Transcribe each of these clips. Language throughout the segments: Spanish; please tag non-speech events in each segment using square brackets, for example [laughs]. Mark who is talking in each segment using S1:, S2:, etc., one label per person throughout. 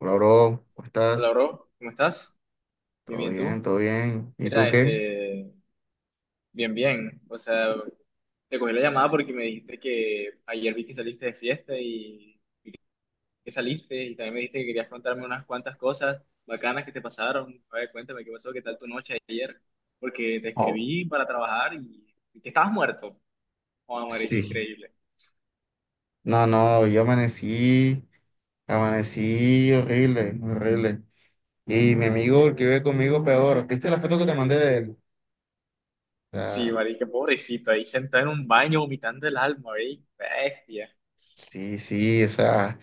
S1: Hola, bro, ¿cómo
S2: Hola,
S1: estás?
S2: bro, ¿cómo estás? Bien,
S1: Todo
S2: bien,
S1: bien,
S2: ¿tú?
S1: todo bien. ¿Y tú
S2: Mira,
S1: qué?
S2: este, bien, bien. O sea, te cogí la llamada porque me dijiste que ayer vi que saliste de fiesta y que saliste y también me dijiste que querías contarme unas cuantas cosas bacanas que te pasaron. A ver, cuéntame qué pasó, qué tal tu noche ayer, porque te
S1: Oh,
S2: escribí para trabajar y que estabas muerto. Oh, marica,
S1: sí.
S2: increíble.
S1: No, no, yo amanecí horrible, horrible. Y mi amigo, el que vive conmigo, peor. ¿Viste la foto que te mandé de él? O
S2: Sí,
S1: sea,
S2: marica, pobrecito, ahí sentado en un baño vomitando el alma, ¿veis? Bestia.
S1: sí, sí, o sea,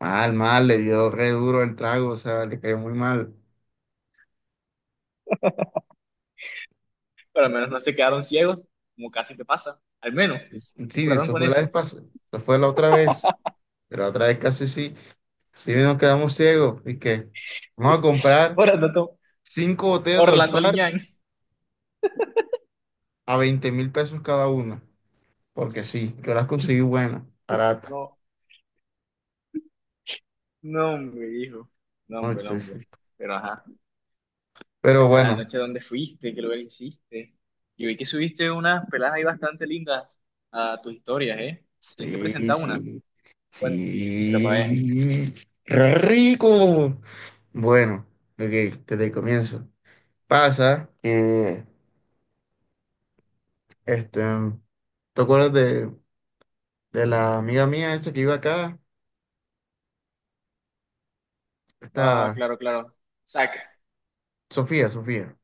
S1: mal, mal, le dio re duro el trago, o sea, le cayó muy mal.
S2: Pero al menos no se quedaron ciegos, como casi te pasa. Al menos se
S1: Sí,
S2: curaron
S1: eso
S2: con
S1: fue la
S2: eso.
S1: vez pasada,
S2: [laughs]
S1: eso fue la otra vez, pero la otra vez casi sí, sí nos quedamos ciegos. Y que vamos a comprar
S2: Orlando,
S1: cinco botellas de
S2: Orlando
S1: Olpar
S2: Liñán.
S1: a $20.000 cada una, porque sí, yo las conseguí buenas, baratas.
S2: No, no, hombre, hijo. No,
S1: ¿No?
S2: hombre, no,
S1: Sí,
S2: hombre.
S1: sí.
S2: Pero ajá,
S1: Pero bueno,
S2: anoche dónde fuiste, qué lugar hiciste. Yo vi que subiste unas peladas ahí bastante lindas a tus historias, ¿eh? Tienes que
S1: sí,
S2: presentar una.
S1: sí,
S2: Bueno, pa' ver.
S1: sí, rico. Bueno, ok, desde el comienzo. Pasa que, este, ¿te acuerdas de la amiga mía esa que iba acá?
S2: Ah,
S1: Esta,
S2: claro, claro. Sac.
S1: Sofía, Sofía.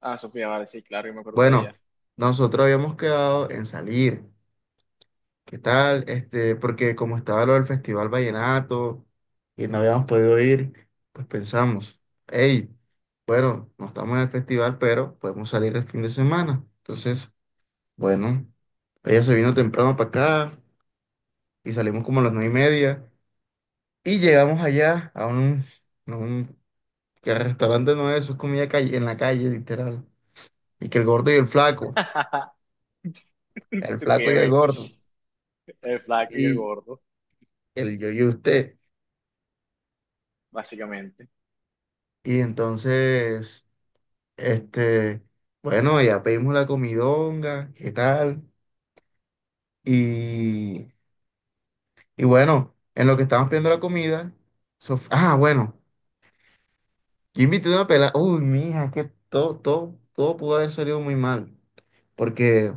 S2: Ah, Sofía, vale, sí, claro, yo me acuerdo de
S1: Bueno,
S2: ella.
S1: nosotros habíamos quedado en salir. ¿Qué tal? Porque como estaba lo del Festival Vallenato y no habíamos podido ir, pues pensamos, hey, bueno, no estamos en el festival, pero podemos salir el fin de semana. Entonces, bueno, ella se vino temprano para acá y salimos como a las 9:30 y llegamos allá a un que restaurante no es, eso es comida calle, en la calle, literal. Y que el gordo y
S2: [laughs]
S1: el
S2: Su que,
S1: flaco y el
S2: güey,
S1: gordo,
S2: el flaco y el
S1: y
S2: gordo,
S1: el yo y usted.
S2: básicamente.
S1: Y entonces... Este, bueno, ya pedimos la comidonga, ¿qué tal? Y, y bueno, en lo que estábamos pidiendo la comida, bueno, yo invité una pelada, uy, mija, es que todo, todo, todo pudo haber salido muy mal, porque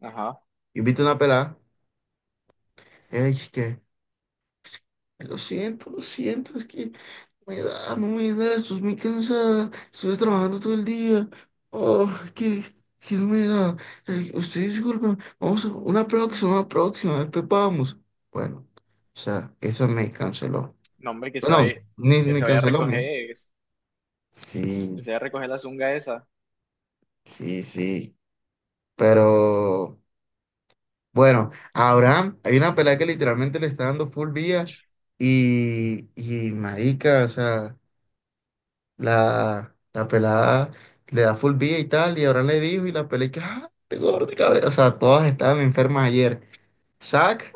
S2: Ajá.
S1: yo invité una pelada. Lo siento, es que no me da, no me da, estoy muy cansada, estuve trabajando todo el día. Oh, que, que no me da. Usted disculpa, vamos a una próxima, después vamos. Bueno, o sea, eso me canceló.
S2: No, hombre,
S1: No ni
S2: que
S1: me
S2: se vaya a
S1: canceló, me.
S2: recoger, que
S1: Sí,
S2: se vaya a recoger la zunga esa.
S1: sí, sí. Pero bueno, a Abraham, hay una pelea que literalmente le está dando full vía y marica, o sea. La pelada le da full vida y tal, y ahora le dijo, y la pelada, y que, ah, te gordo de cabeza. O sea, todas estaban enfermas ayer. Zack,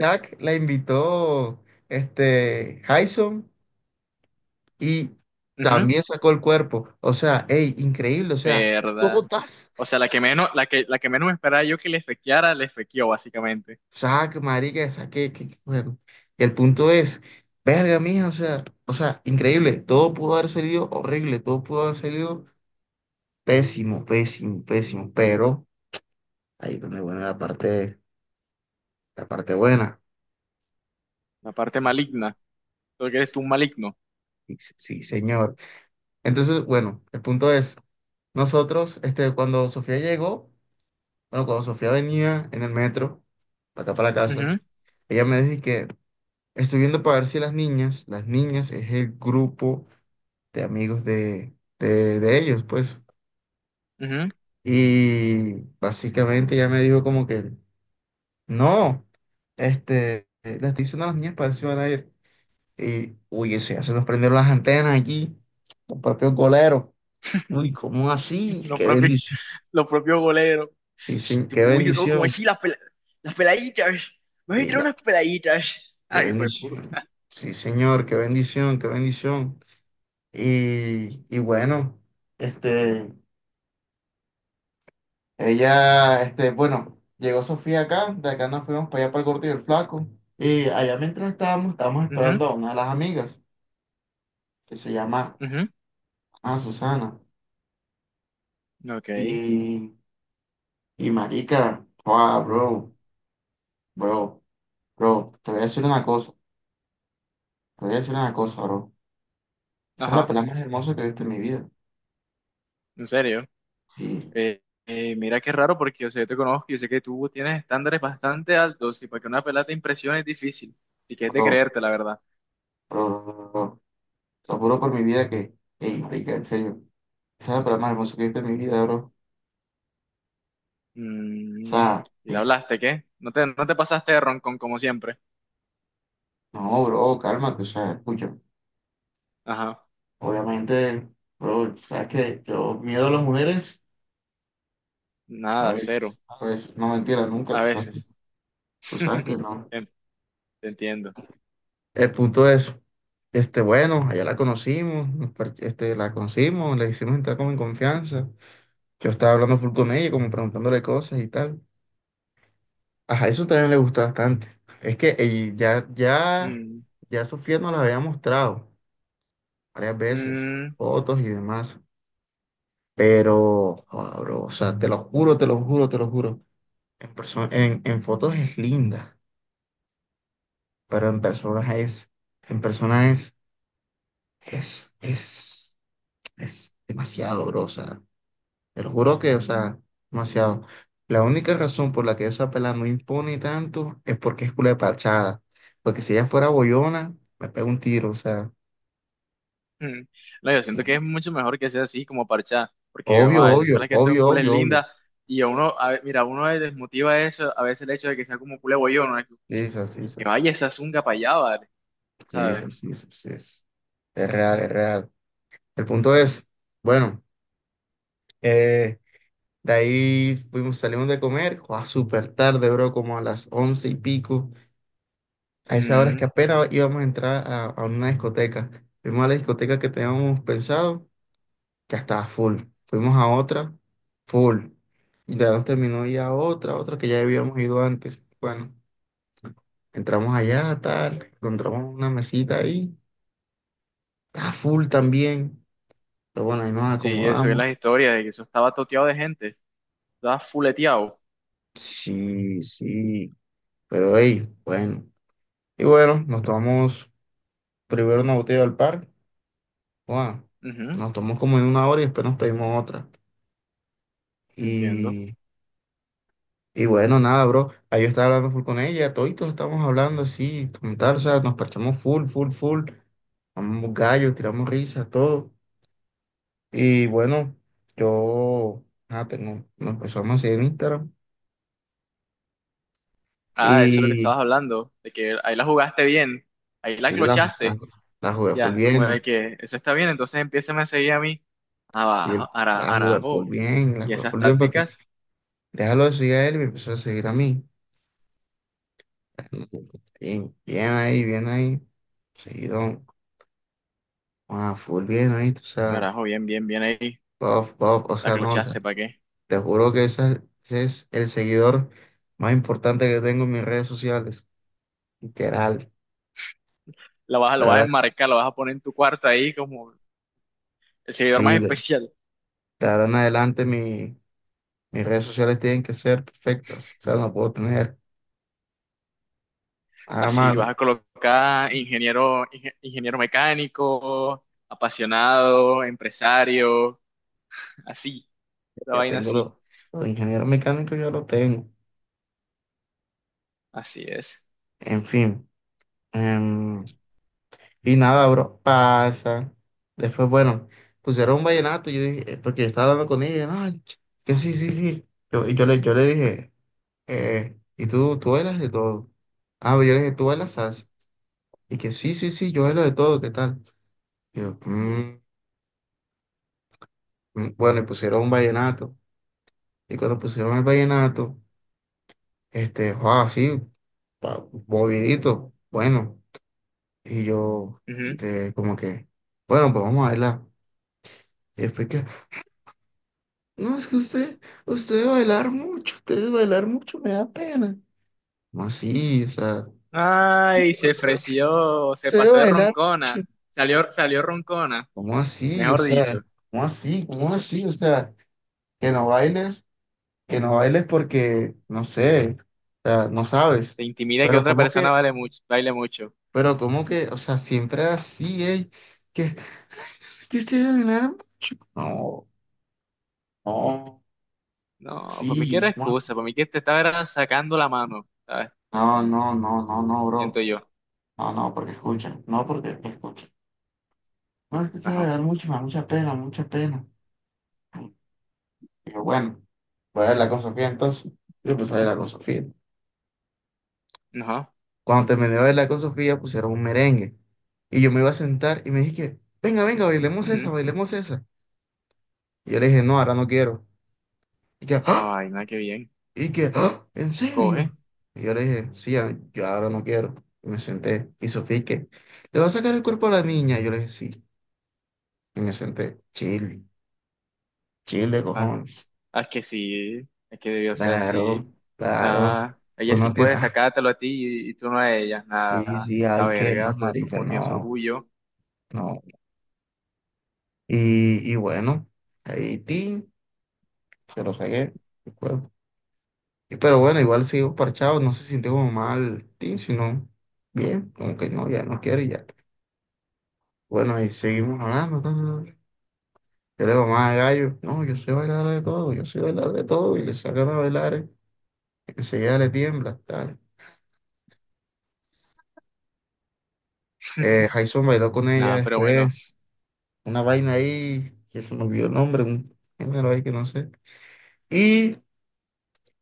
S1: Zack la invitó, Jason, y
S2: Ujú.
S1: también sacó el cuerpo. O sea, ey, increíble, o sea,
S2: Verdad.
S1: todas.
S2: O sea, la que menos, la que menos me esperaba yo que le fequeara, le fequeó, básicamente.
S1: Zack, marica, Zack, bueno. Y el punto es, verga, mija, o sea, increíble. Todo pudo haber salido horrible, todo pudo haber salido pésimo, pésimo, pésimo, pero. Ahí donde, bueno, la parte buena.
S2: La parte maligna. Porque eres tú un maligno.
S1: Sí, sí, señor. Entonces, bueno, el punto es, nosotros, cuando Sofía llegó, bueno, cuando Sofía venía en el metro, para acá para la casa,
S2: Ujú,
S1: ella me dijo que estoy viendo para ver si las niñas, las niñas es el grupo de amigos de ellos, pues.
S2: ujú.
S1: Y básicamente ella me dijo como que, no, le estoy diciendo a las niñas para ver si van a ir. Y, uy, eso ya se nos prendieron las antenas aquí, los propios goleros. Uy, ¿cómo
S2: [laughs]
S1: así?
S2: Los
S1: Qué
S2: propios,
S1: bendición.
S2: los propios goleros.
S1: Sí, sí,
S2: Tipo,
S1: qué
S2: uy, bro, como
S1: bendición.
S2: así las, las peladitas. Me voy a
S1: Y
S2: tirar
S1: la-
S2: unas peladitas.
S1: qué
S2: Ay, fue puto.
S1: bendición. Sí, señor, qué bendición, qué bendición. Y bueno, este, ella, bueno, llegó Sofía acá, de acá nos fuimos para allá para el Gordo y el Flaco. Y allá mientras estábamos
S2: Ujú,
S1: esperando a una de las amigas, que se llama
S2: ujú.
S1: Susana.
S2: Ok.
S1: Y, y marica, wow, bro, bro. Bro, te voy a decir una cosa, te voy a decir una cosa, bro. Esa es la
S2: Ajá.
S1: pelea más hermosa que he visto en mi vida.
S2: En serio.
S1: Sí,
S2: Mira qué raro porque yo sé, yo te conozco, yo sé que tú tienes estándares bastante altos y para que una pelada te impresione es difícil. Si quieres de
S1: bro,
S2: creerte, la verdad.
S1: bro, bro, bro, bro. Te lo juro por mi vida que, ey, marica, en serio. Esa es la pelea más hermosa que he visto en mi vida, bro. O
S2: Mm,
S1: sea,
S2: ¿y te
S1: es,
S2: hablaste qué? No te pasaste de roncón como siempre.
S1: no, bro, cálmate, o sea, escucha.
S2: Ajá.
S1: Obviamente, bro, sabes que yo miedo a las mujeres,
S2: Nada, cero.
S1: a veces, no mentira, nunca,
S2: A veces.
S1: tú sabes que
S2: [laughs]
S1: no.
S2: En- Te entiendo.
S1: El punto es, bueno, allá la conocimos, la conocimos, le hicimos entrar como en confianza. Yo estaba hablando full con ella, como preguntándole cosas y tal. Ajá, eso también le gustó bastante. Es que ella- ya, ya,
S2: Mm,
S1: ya Sofía nos la había mostrado varias veces,
S2: mm,
S1: fotos y demás. Pero, joda, bro, o sea, te lo juro, te lo juro, te lo juro. En persona, en fotos es linda, pero en persona es, en persona es, es, es, demasiado, bro. O sea, te lo juro que, o sea, demasiado. La única razón por la que esa pelada no impone tanto es porque es culo de parchada. Porque si ella fuera bollona, me pega un tiro, o sea,
S2: mm. No, yo
S1: sí.
S2: siento que es mucho mejor que sea así como parchada, porque, ojo,
S1: Obvio,
S2: hay
S1: obvio,
S2: pelas que son
S1: obvio,
S2: cules
S1: obvio, obvio.
S2: lindas y a uno, mira, a uno le desmotiva eso, a veces el hecho de que sea como culé bollón, ¿no?
S1: Sí, es así, sí,
S2: Que
S1: es
S2: vaya, esa es un gapayábal,
S1: sí, es
S2: ¿sabes?
S1: sí, sí es. Es real, es real. El punto es, bueno, eh, de ahí fuimos, salimos de comer, a súper tarde, bro, como a las 11 y pico. A esa hora es que
S2: Mm,
S1: apenas íbamos a entrar a una discoteca. Fuimos a la discoteca que teníamos pensado, ya estaba full. Fuimos a otra, full. Y ya nos terminó ya otra que ya habíamos ido antes. Bueno, entramos allá, tal, encontramos una mesita ahí, estaba full también. Pero bueno, ahí nos
S2: sí, eso es
S1: acomodamos.
S2: las historias, de que eso estaba toteado de gente, estaba fuleteado.
S1: Sí, sí, pero ahí, bueno. Y bueno, nos tomamos primero una botella del par. Bueno,
S2: Ujú,
S1: nos tomamos como en una hora y después nos pedimos otra.
S2: entiendo.
S1: Y Y bueno, nada, bro. Ahí yo estaba hablando full con ella, toditos estamos hablando así, como tal, o sea, nos parchamos full, full, full. Amamos gallos, tiramos risas, todo. Y bueno, yo, nos empezamos a seguir en Instagram.
S2: Ah, eso es lo que
S1: Y
S2: estabas hablando, de que ahí la jugaste bien, ahí la
S1: sí, la, la,
S2: clochaste,
S1: la jugué full
S2: ya, como
S1: bien,
S2: de
S1: ¿no?
S2: que eso está bien, entonces empieza a seguir a mí,
S1: Sí,
S2: abajo,
S1: la jugué full
S2: arajo.
S1: bien, la
S2: Y
S1: jugué
S2: esas
S1: full bien, porque
S2: tácticas,
S1: déjalo de seguir a él y me empezó a seguir a mí. Bien, bien ahí, bien ahí. Seguido, full bien ahí, o sea,
S2: arajo, bien, bien, bien ahí,
S1: buff, buff, o
S2: la
S1: sea, no,
S2: clochaste, ¿para qué?
S1: te juro que ese es el seguidor más importante que tengo en mis redes sociales. Literal.
S2: La vas, lo
S1: De
S2: vas a
S1: ahora,
S2: enmarcar, lo vas a poner en tu cuarto ahí como el seguidor más
S1: sí, de,
S2: especial.
S1: de ahora en adelante mis redes sociales tienen que ser perfectas. O sea, no puedo tener nada
S2: Así vas
S1: malo.
S2: a colocar ingeniero, ingeniero mecánico, apasionado, empresario, así, la
S1: Ya
S2: vaina
S1: tengo los,
S2: así,
S1: los ingenieros mecánicos, ya lo tengo.
S2: así es.
S1: En fin. em, y nada, bro, pasa. Después, bueno, pusieron un vallenato. Yo dije, porque yo estaba hablando con ella. Y yo, no, que sí, sí, sí. Yo, yo le dije. Y tú bailas de todo. Ah, pero yo le dije, tú bailas salsa. Y que sí, sí, sí, yo bailo de todo, ¿qué tal? Y yo, "Mm, mm". Bueno, y pusieron un vallenato. Y cuando pusieron el vallenato, wow, sí, movidito, bueno. Y yo,
S2: Ujú.
S1: como que, bueno, pues vamos a bailar. Y después que, no, es que usted, usted debe bailar mucho, usted debe bailar mucho, me da pena. No, sí, o sea,
S2: Ay, se ofreció, se
S1: usted debe
S2: pasó de
S1: bailar mucho.
S2: roncona, salió, salió roncona,
S1: ¿Cómo así? O
S2: mejor
S1: sea,
S2: dicho,
S1: ¿cómo así? ¿Cómo así? O sea, que no bailes, que no bailes porque, no sé, o sea, no sabes.
S2: te intimida que
S1: Pero
S2: otra
S1: ¿cómo que?
S2: persona vale mucho, baile mucho.
S1: Pero ¿cómo que? O sea, siempre así, ¿eh? que, que este ganar mucho. No, no,
S2: No, por mí que era
S1: sí, ¿cómo
S2: excusa,
S1: así?
S2: por mí que te estaba era sacando la mano, ¿sabes?
S1: No, no, no, no, no,
S2: Siento
S1: bro.
S2: yo.
S1: No, no, porque escucha, no, porque escucha. No, es que este
S2: Ajá,
S1: ganar mucho, me da mucha pena, mucha pena. Pero bueno, voy a hablar con Sofía entonces. Yo pues voy a hablar con Sofía.
S2: ajá,
S1: Cuando terminé de bailar con Sofía, pusieron un merengue. Y yo me iba a sentar y me dije que, venga, venga, bailemos esa,
S2: ujú.
S1: bailemos esa. Y yo le dije, no, ahora no quiero. Y que,
S2: Ah,
S1: "¿Ah?
S2: vaina, qué bien.
S1: Y que, "¿Ah? ¿En serio?"
S2: Coge.
S1: Y yo le dije, sí, yo ahora no quiero. Y me senté. Y Sofía, ¿y qué? ¿Le va a sacar el cuerpo a la niña? Y yo le dije, sí. Y me senté. Chile, chile,
S2: ah,
S1: cojones.
S2: Ah, es que sí, es que debió ser así.
S1: Claro, claro.
S2: Ah, ella sí
S1: Uno tiene,
S2: puede sacártelo a ti y tú no a ella.
S1: sí,
S2: Nada,
S1: sí,
S2: la
S1: hay que
S2: verga,
S1: más marica,
S2: uno tiene su
S1: no,
S2: orgullo.
S1: no. Y bueno, ahí, ti. Se lo saqué. El cuerpo. Pero bueno, igual sigo parchado, no se sintió como mal, tin, sino bien, como que no, ya no quiero y ya. Bueno, y seguimos hablando. Ta, ta, ta. Yo le digo, más gallo, no, yo soy bailar de todo, yo soy bailar de todo, y le sacan a bailar, enseguida le tiembla, tal. Jason bailó con ella
S2: Nada, pero bueno,
S1: después, una vaina ahí, que se me olvidó el nombre, un género ahí que no sé. Y,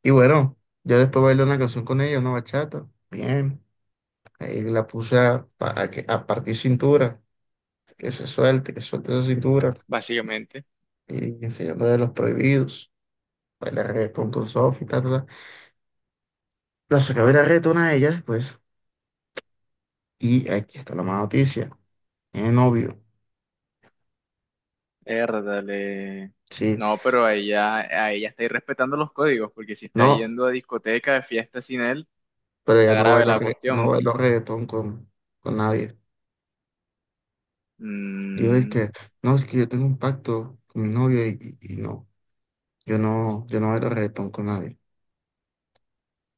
S1: y bueno, yo después bailé una canción con ella, una bachata, bien. Ahí la puse a que, a partir cintura, que se suelte, que suelte esa cintura,
S2: básicamente.
S1: y enseñando de los prohibidos, bailar reggaetón con Sofi, ta, ta, ta. La saqué a bailar reggaetón a ella después, y aquí está la mala noticia, tiene novio,
S2: Érdale.
S1: sí,
S2: No, pero a ella está irrespetando los códigos, porque si está
S1: no,
S2: yendo a discoteca, de fiesta sin él,
S1: pero ella
S2: está
S1: no
S2: grave
S1: bailó,
S2: la
S1: no
S2: cuestión.
S1: bailó reggaetón con nadie. Dijo, es
S2: Mm,
S1: que, no, es que yo tengo un pacto con mi novio y no, yo no bailo reggaetón con nadie.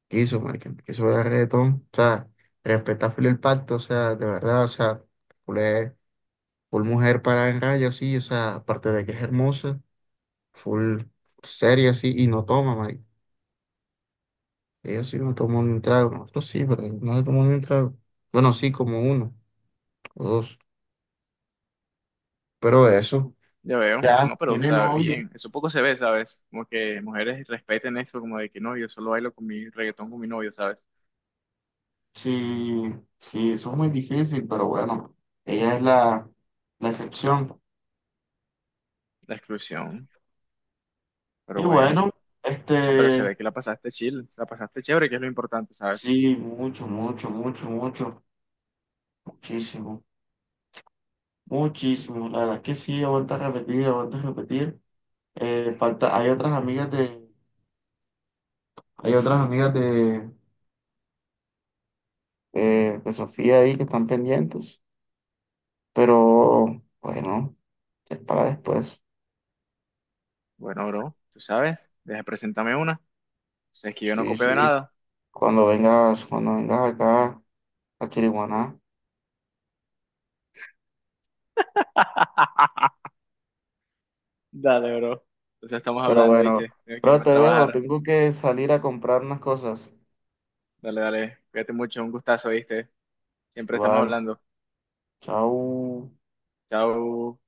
S1: Eso, marica, eso era reggaetón, o sea, respeta full el pacto, o sea, de verdad, o sea, full, full mujer para en raya, sí, o sea, aparte de que es hermosa, full seria, sí, y no toma, marica, ella sí no toma ni un trago, nosotros sí, pero ellos no se tomó ni un trago, bueno, sí, como uno o dos, pero eso,
S2: ya veo.
S1: ya,
S2: No, pero, o
S1: tiene
S2: sea,
S1: novio,
S2: bien. Eso poco se ve, ¿sabes? Como que mujeres respeten eso, como de que no, yo solo bailo con mi reggaetón con mi novio, ¿sabes?
S1: sí, sí, eso es muy difícil, pero bueno, ella es la excepción,
S2: La exclusión.
S1: y
S2: Pero bueno,
S1: bueno,
S2: no, pero se
S1: este...
S2: ve que la pasaste chill, la pasaste chévere, que es lo importante, ¿sabes?
S1: Sí, mucho, mucho, mucho, mucho, muchísimo, muchísimo. La verdad que sí, aguanta repetir, aguanta repetir. Falta, hay otras amigas de, de Sofía ahí que están pendientes, pero bueno, es para después.
S2: Bueno, bro, tú sabes, deja, preséntame una. Sabes que yo no
S1: Sí,
S2: copio de
S1: sí,
S2: nada.
S1: cuando vengas acá a Chiriguaná.
S2: Dale, bro. Entonces estamos
S1: Pero
S2: hablando,
S1: bueno,
S2: ¿viste? Tengo que
S1: pero
S2: irme a
S1: te dejo,
S2: trabajar.
S1: tengo que salir a comprar unas cosas.
S2: Dale, dale, cuídate mucho, un gustazo, ¿viste? Siempre estamos
S1: Igual,
S2: hablando.
S1: chao.
S2: Chao.